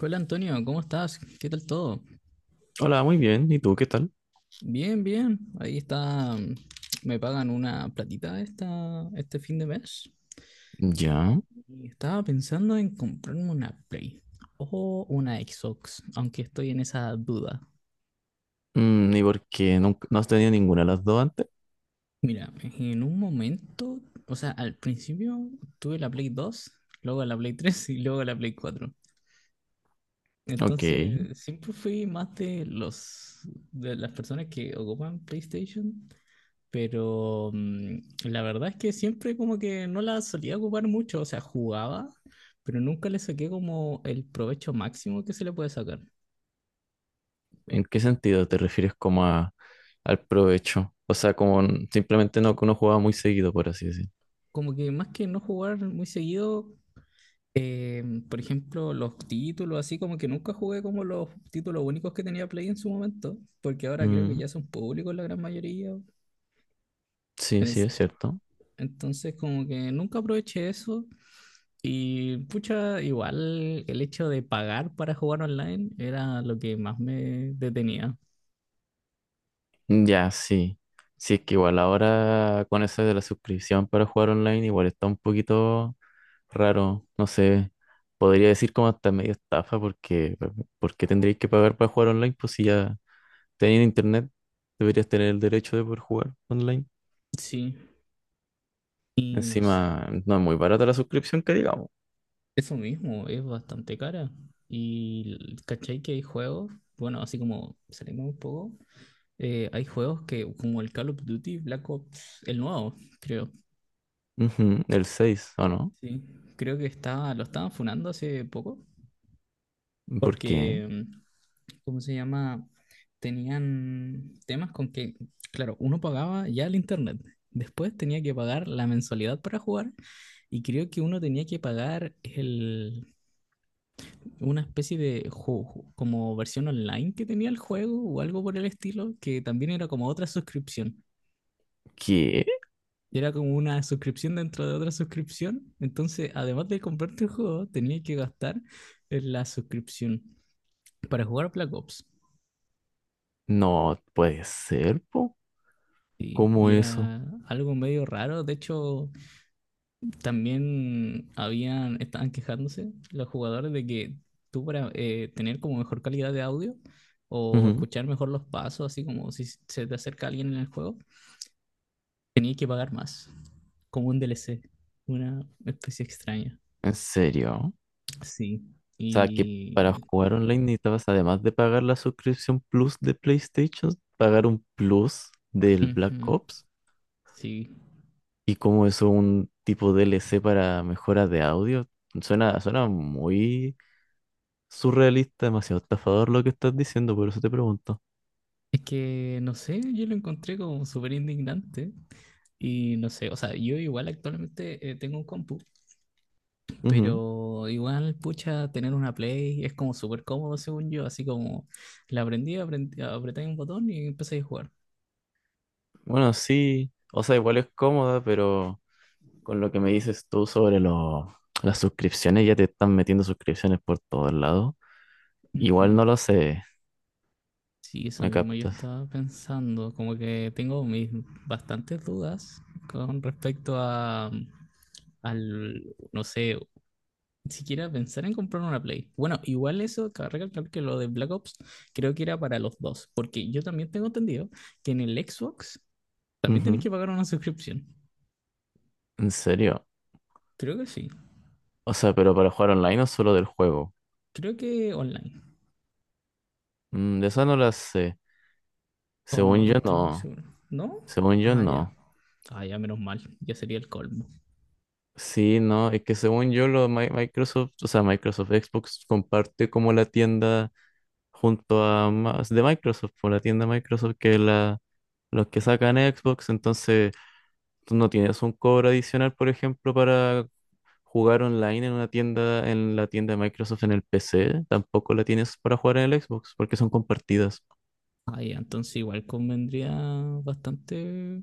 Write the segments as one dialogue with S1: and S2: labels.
S1: Hola Antonio, ¿cómo estás? ¿Qué tal todo?
S2: Hola, muy bien. ¿Y tú qué tal?
S1: Bien, bien. Ahí está. Me pagan una platita este fin de mes.
S2: Ya.
S1: Y estaba pensando en comprarme una Play o una Xbox, aunque estoy en esa duda.
S2: Mm, ¿y por qué no has tenido ninguna de las dos antes?
S1: Mira, en un momento, o sea, al principio tuve la Play 2, luego la Play 3 y luego la Play 4.
S2: Ok.
S1: Entonces, siempre fui más de los de las personas que ocupan PlayStation, pero la verdad es que siempre como que no la solía ocupar mucho, o sea, jugaba, pero nunca le saqué como el provecho máximo que se le puede sacar.
S2: ¿En qué sentido te refieres como a, al provecho? O sea, como simplemente no que uno jugaba muy seguido, por así decir.
S1: Como que más que no jugar muy seguido, eh, por ejemplo, los títulos, así como que nunca jugué como los títulos únicos que tenía Play en su momento, porque ahora creo que
S2: Mm,
S1: ya son públicos la gran mayoría.
S2: sí, sí, es cierto.
S1: Entonces, como que nunca aproveché eso. Y pucha, igual el hecho de pagar para jugar online era lo que más me detenía.
S2: Ya, sí. Sí, es que igual ahora con eso de la suscripción para jugar online, igual está un poquito raro. No sé. Podría decir como hasta medio estafa porque ¿por qué tendríais que pagar para jugar online? Pues si ya teniendo internet, deberías tener el derecho de poder jugar online.
S1: Sí, y no sé,
S2: Encima, no es muy barata la suscripción que digamos.
S1: eso mismo es bastante cara. Y cachai que hay juegos, bueno, así como salimos un poco, hay juegos que, como el Call of Duty Black Ops, el nuevo, creo.
S2: Ujú, el seis ¿o no?
S1: Sí, creo que está, lo estaban funando hace poco,
S2: ¿Por qué?
S1: porque ¿cómo se llama? Tenían temas con que, claro, uno pagaba ya el internet, después tenía que pagar la mensualidad para jugar y creo que uno tenía que pagar una especie de juego, como versión online que tenía el juego o algo por el estilo, que también era como otra suscripción.
S2: ¿Qué?
S1: Era como una suscripción dentro de otra suscripción. Entonces, además de comprarte el juego, tenía que gastar en la suscripción para jugar Black Ops.
S2: No puede ser, po.
S1: Sí,
S2: ¿Cómo
S1: y
S2: eso?
S1: era algo medio raro. De hecho, también estaban quejándose los jugadores de que tú para tener como mejor calidad de audio o
S2: Ujú.
S1: escuchar mejor los pasos, así como si se te acerca alguien en el juego, tenías que pagar más, como un DLC, una especie extraña.
S2: ¿En serio?
S1: Sí,
S2: O sea, que para
S1: y.
S2: jugar online necesitabas, además de pagar la suscripción Plus de PlayStation, pagar un Plus del Black
S1: Ujú.
S2: Ops.
S1: Sí,
S2: ¿Y como eso un tipo DLC para mejora de audio? Suena, suena muy surrealista, demasiado estafador lo que estás diciendo, por eso te pregunto.
S1: es que no sé, yo lo encontré como súper indignante. Y no sé, o sea, yo igual actualmente tengo un compu.
S2: Ujú.
S1: Pero igual, pucha, tener una Play es como súper cómodo, según yo. Así como apreté un botón y empecé a jugar.
S2: Bueno, sí, o sea, igual es cómoda, pero con lo que me dices tú sobre las suscripciones, ya te están metiendo suscripciones por todos lados. Igual
S1: Ujú.
S2: no lo sé,
S1: Sí, eso
S2: me
S1: mismo yo
S2: captas.
S1: estaba pensando. Como que tengo mis bastantes dudas con respecto al, no sé, siquiera pensar en comprar una Play. Bueno, igual eso, cabe recalcar que lo de Black Ops creo que era para los dos, porque yo también tengo entendido que en el Xbox también tenés
S2: Ujú.
S1: que pagar una suscripción.
S2: ¿En serio?
S1: Creo que sí.
S2: O sea, pero para jugar online o solo del juego.
S1: Creo que online.
S2: Mm, de esa no la sé.
S1: O
S2: Según
S1: no
S2: yo,
S1: estoy muy
S2: no.
S1: seguro. ¿No?
S2: Según yo,
S1: Ah, ya.
S2: no.
S1: Ah, ya, menos mal. Ya sería el colmo.
S2: Sí, no, es que según yo, lo, Microsoft, o sea, Microsoft Xbox comparte como la tienda junto a más de Microsoft, por la tienda Microsoft, que la, los que sacan Xbox, entonces tú no tienes un cobro adicional, por ejemplo, para jugar online en una tienda, en la tienda de Microsoft en el PC, tampoco la tienes para jugar en el Xbox, porque son compartidas.
S1: Ah, ya, entonces igual convendría bastante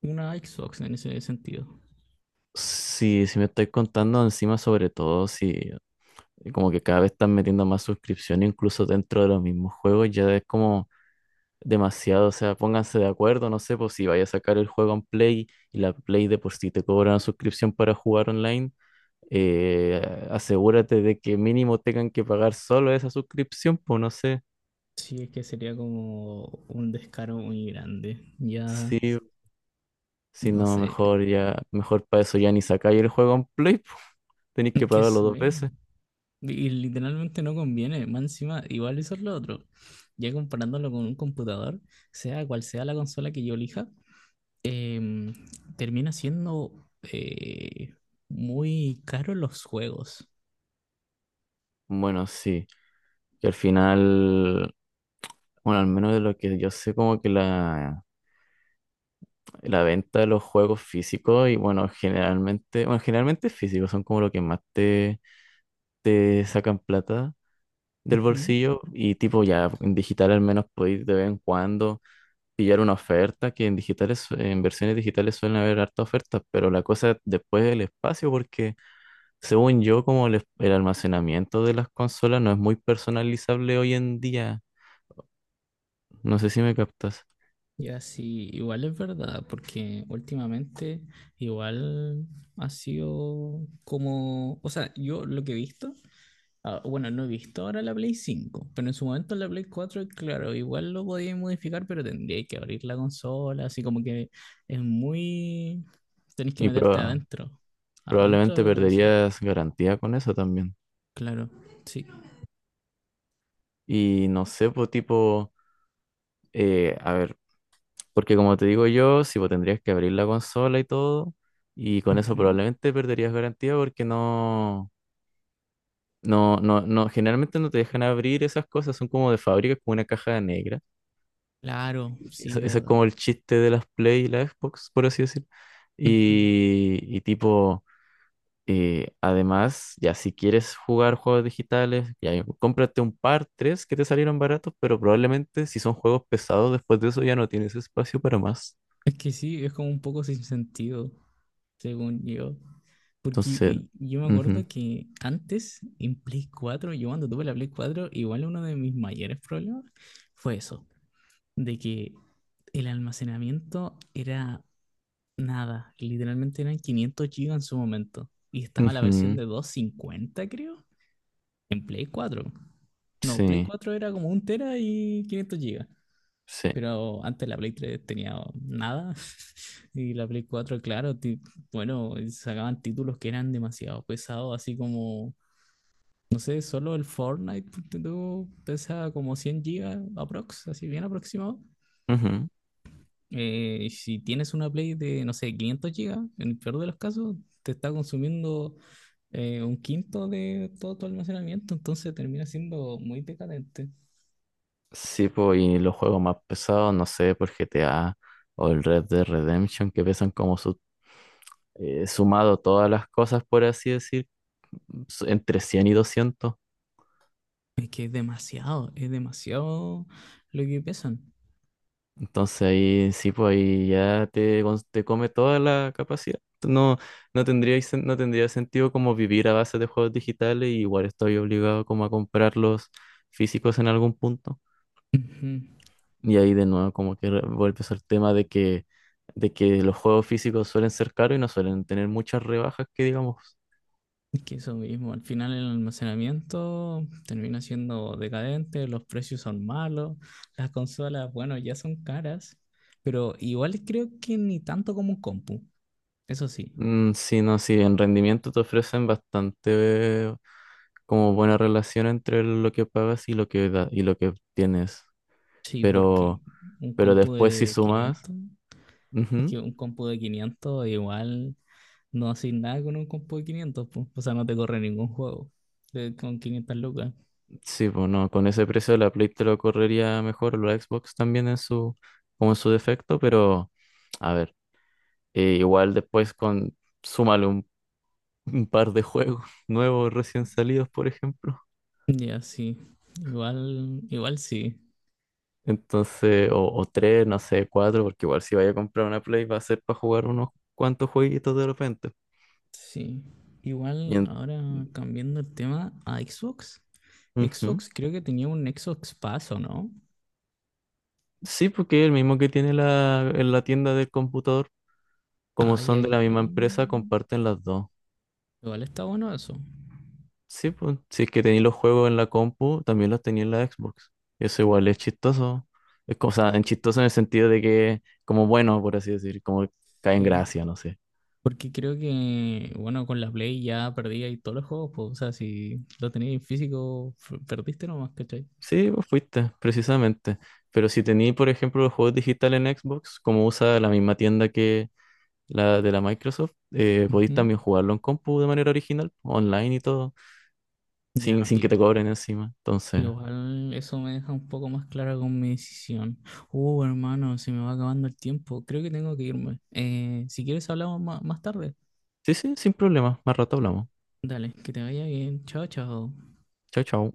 S1: una Xbox en ese sentido.
S2: Sí, si me estáis contando encima, sobre todo, si como que cada vez están metiendo más suscripción, incluso dentro de los mismos juegos, ya es como demasiado, o sea, pónganse de acuerdo, no sé, pues si vaya a sacar el juego en Play y la Play de por sí te cobra una suscripción para jugar online, asegúrate de que mínimo tengan que pagar solo esa suscripción, pues no sé,
S1: Sí, es que sería como un descaro muy grande. Ya,
S2: sí, si
S1: no
S2: no,
S1: sé.
S2: mejor ya, mejor para eso ya ni sacáis el juego en Play, pues, tenéis
S1: Es
S2: que
S1: que
S2: pagarlo dos
S1: bueno,
S2: veces.
S1: y literalmente no conviene. Más encima, igual eso es lo otro. Ya comparándolo con un computador, sea cual sea la consola que yo elija, em, termina siendo eh, muy caro los juegos.
S2: Bueno, sí, que al final, bueno, al menos de lo que yo sé, como que la venta de los juegos físicos y bueno, generalmente físicos son como lo que más te sacan plata del
S1: Ujú.
S2: bolsillo y tipo ya en digital al menos podéis de vez en cuando pillar una oferta, que en digitales, en versiones digitales suelen haber harta ofertas, pero la cosa es después del espacio, porque según yo, como el, el almacenamiento de las consolas no es muy personalizable hoy en día, no sé si me captas,
S1: Ya sí, igual es verdad, porque últimamente igual ha sido como, o sea, yo lo que he visto, ah, bueno, no he visto ahora la Play 5, pero en su momento la Play 4, claro, igual lo podía modificar, pero tendría que abrir la consola, así como que es muy, tenés que
S2: y
S1: meterte adentro,
S2: probablemente
S1: de la consola,
S2: perderías garantía con eso también.
S1: claro, sí.
S2: Y no sé, pues tipo, a ver. Porque como te digo yo, si vos tendrías que abrir la consola y todo, y con eso
S1: Ujú.
S2: probablemente perderías garantía porque no, no, no, no, generalmente no te dejan abrir esas cosas, son como de fábrica, como una caja negra.
S1: Claro,
S2: Eso,
S1: sí,
S2: eso es
S1: verdad.
S2: como el chiste de las Play y la Xbox, por así decir.
S1: Ujú.
S2: Y tipo, además, ya si quieres jugar juegos digitales, ya cómprate un par, tres que te salieron baratos, pero probablemente si son juegos pesados, después de eso ya no tienes espacio para más.
S1: Es que sí, es como un poco sin sentido, según yo. Porque
S2: Entonces...
S1: yo me acuerdo
S2: ujú.
S1: que antes, en Play 4, yo cuando tuve la Play 4, igual uno de mis mayores problemas fue eso, de que el almacenamiento era nada, literalmente eran 500 GB en su momento, y estaba la versión
S2: Ujú.
S1: de 250, creo, en Play 4. No, Play
S2: Sí,
S1: 4 era como un tera y 500 GB.
S2: sí.
S1: Pero antes la Play 3 tenía nada y la Play 4, claro, bueno, sacaban títulos que eran demasiado pesados, así como, no sé, solo el Fortnite ponte tú, pesa como 100 gigas aprox, así bien aproximado.
S2: Ujú.
S1: Y si tienes una Play de, no sé, 500 gigas, en el peor de los casos, te está consumiendo un quinto de todo tu almacenamiento, entonces termina siendo muy decadente.
S2: Sí, pues, y los juegos más pesados, no sé, por GTA o el Red Dead Redemption, que pesan como sumado todas las cosas, por así decir, entre 100 y 200.
S1: Es que es demasiado lo que pesan.
S2: Entonces ahí sí, pues ahí ya te, te come toda la capacidad. No, no tendría, no tendría sentido como vivir a base de juegos digitales y igual estoy obligado como a comprarlos físicos en algún punto.
S1: Ujú.
S2: Y ahí de nuevo como que vuelves el tema de que los juegos físicos suelen ser caros y no suelen tener muchas rebajas que digamos.
S1: Es que eso mismo, al final el almacenamiento termina siendo decadente, los precios son malos, las consolas, bueno, ya son caras, pero igual creo que ni tanto como un compu, eso sí,
S2: Mm, sí, no, sí, en rendimiento te ofrecen bastante como buena relación entre lo que pagas y lo que y lo que tienes.
S1: sí, porque
S2: Pero,
S1: un
S2: pero
S1: compu
S2: después si
S1: de
S2: sumas,
S1: 500 es que
S2: ujú,
S1: un compu de 500 igual no haces nada con un compu de 500 pues, o sea, no te corre ningún juego con 500 lucas.
S2: sí, bueno, con ese precio la Play te lo correría mejor, o la Xbox también en su, como en su defecto, pero a ver, igual después con súmale un par de juegos nuevos recién salidos, por ejemplo.
S1: Ya, sí, igual sí.
S2: Entonces, o tres, no sé, cuatro, porque igual si vaya a comprar una Play va a ser para jugar unos cuantos jueguitos de repente.
S1: Sí,
S2: Y
S1: igual ahora cambiando el tema a Xbox.
S2: Ujú.
S1: Xbox creo que tenía un Xbox Pass, ¿o no?
S2: Sí, porque es el mismo que tiene la, en la tienda del computador, como
S1: Ah, ya
S2: son de la misma
S1: igual.
S2: empresa, comparten las dos.
S1: Igual está bueno eso.
S2: Sí, pues, si es que tenéis los juegos en la compu, también los tenía en la Xbox. Eso igual es chistoso. Es cosa, en chistoso en el sentido de que, como bueno, por así decir, como cae en
S1: Sí.
S2: gracia, no sé.
S1: Porque creo que, bueno, con la Play ya perdí ahí todos los juegos, pues, o sea, si lo tenías en físico, perdiste nomás, ¿cachai?
S2: Sí, vos fuiste, precisamente. Pero si tení, por ejemplo, los juegos digitales en Xbox, como usa la misma tienda que la de la Microsoft, podéis
S1: Ujú.
S2: también jugarlo en compu de manera original, online y todo, sin,
S1: Ya,
S2: sin que te
S1: y
S2: cobren encima. Entonces,
S1: igual eso me deja un poco más clara con mi decisión. Hermano, se me va acabando el tiempo. Creo que tengo que irme. Si quieres hablamos más tarde.
S2: sí, sí, sin problema. Más rato hablamos.
S1: Dale, que te vaya bien. Chao, chao.
S2: Chao, chao.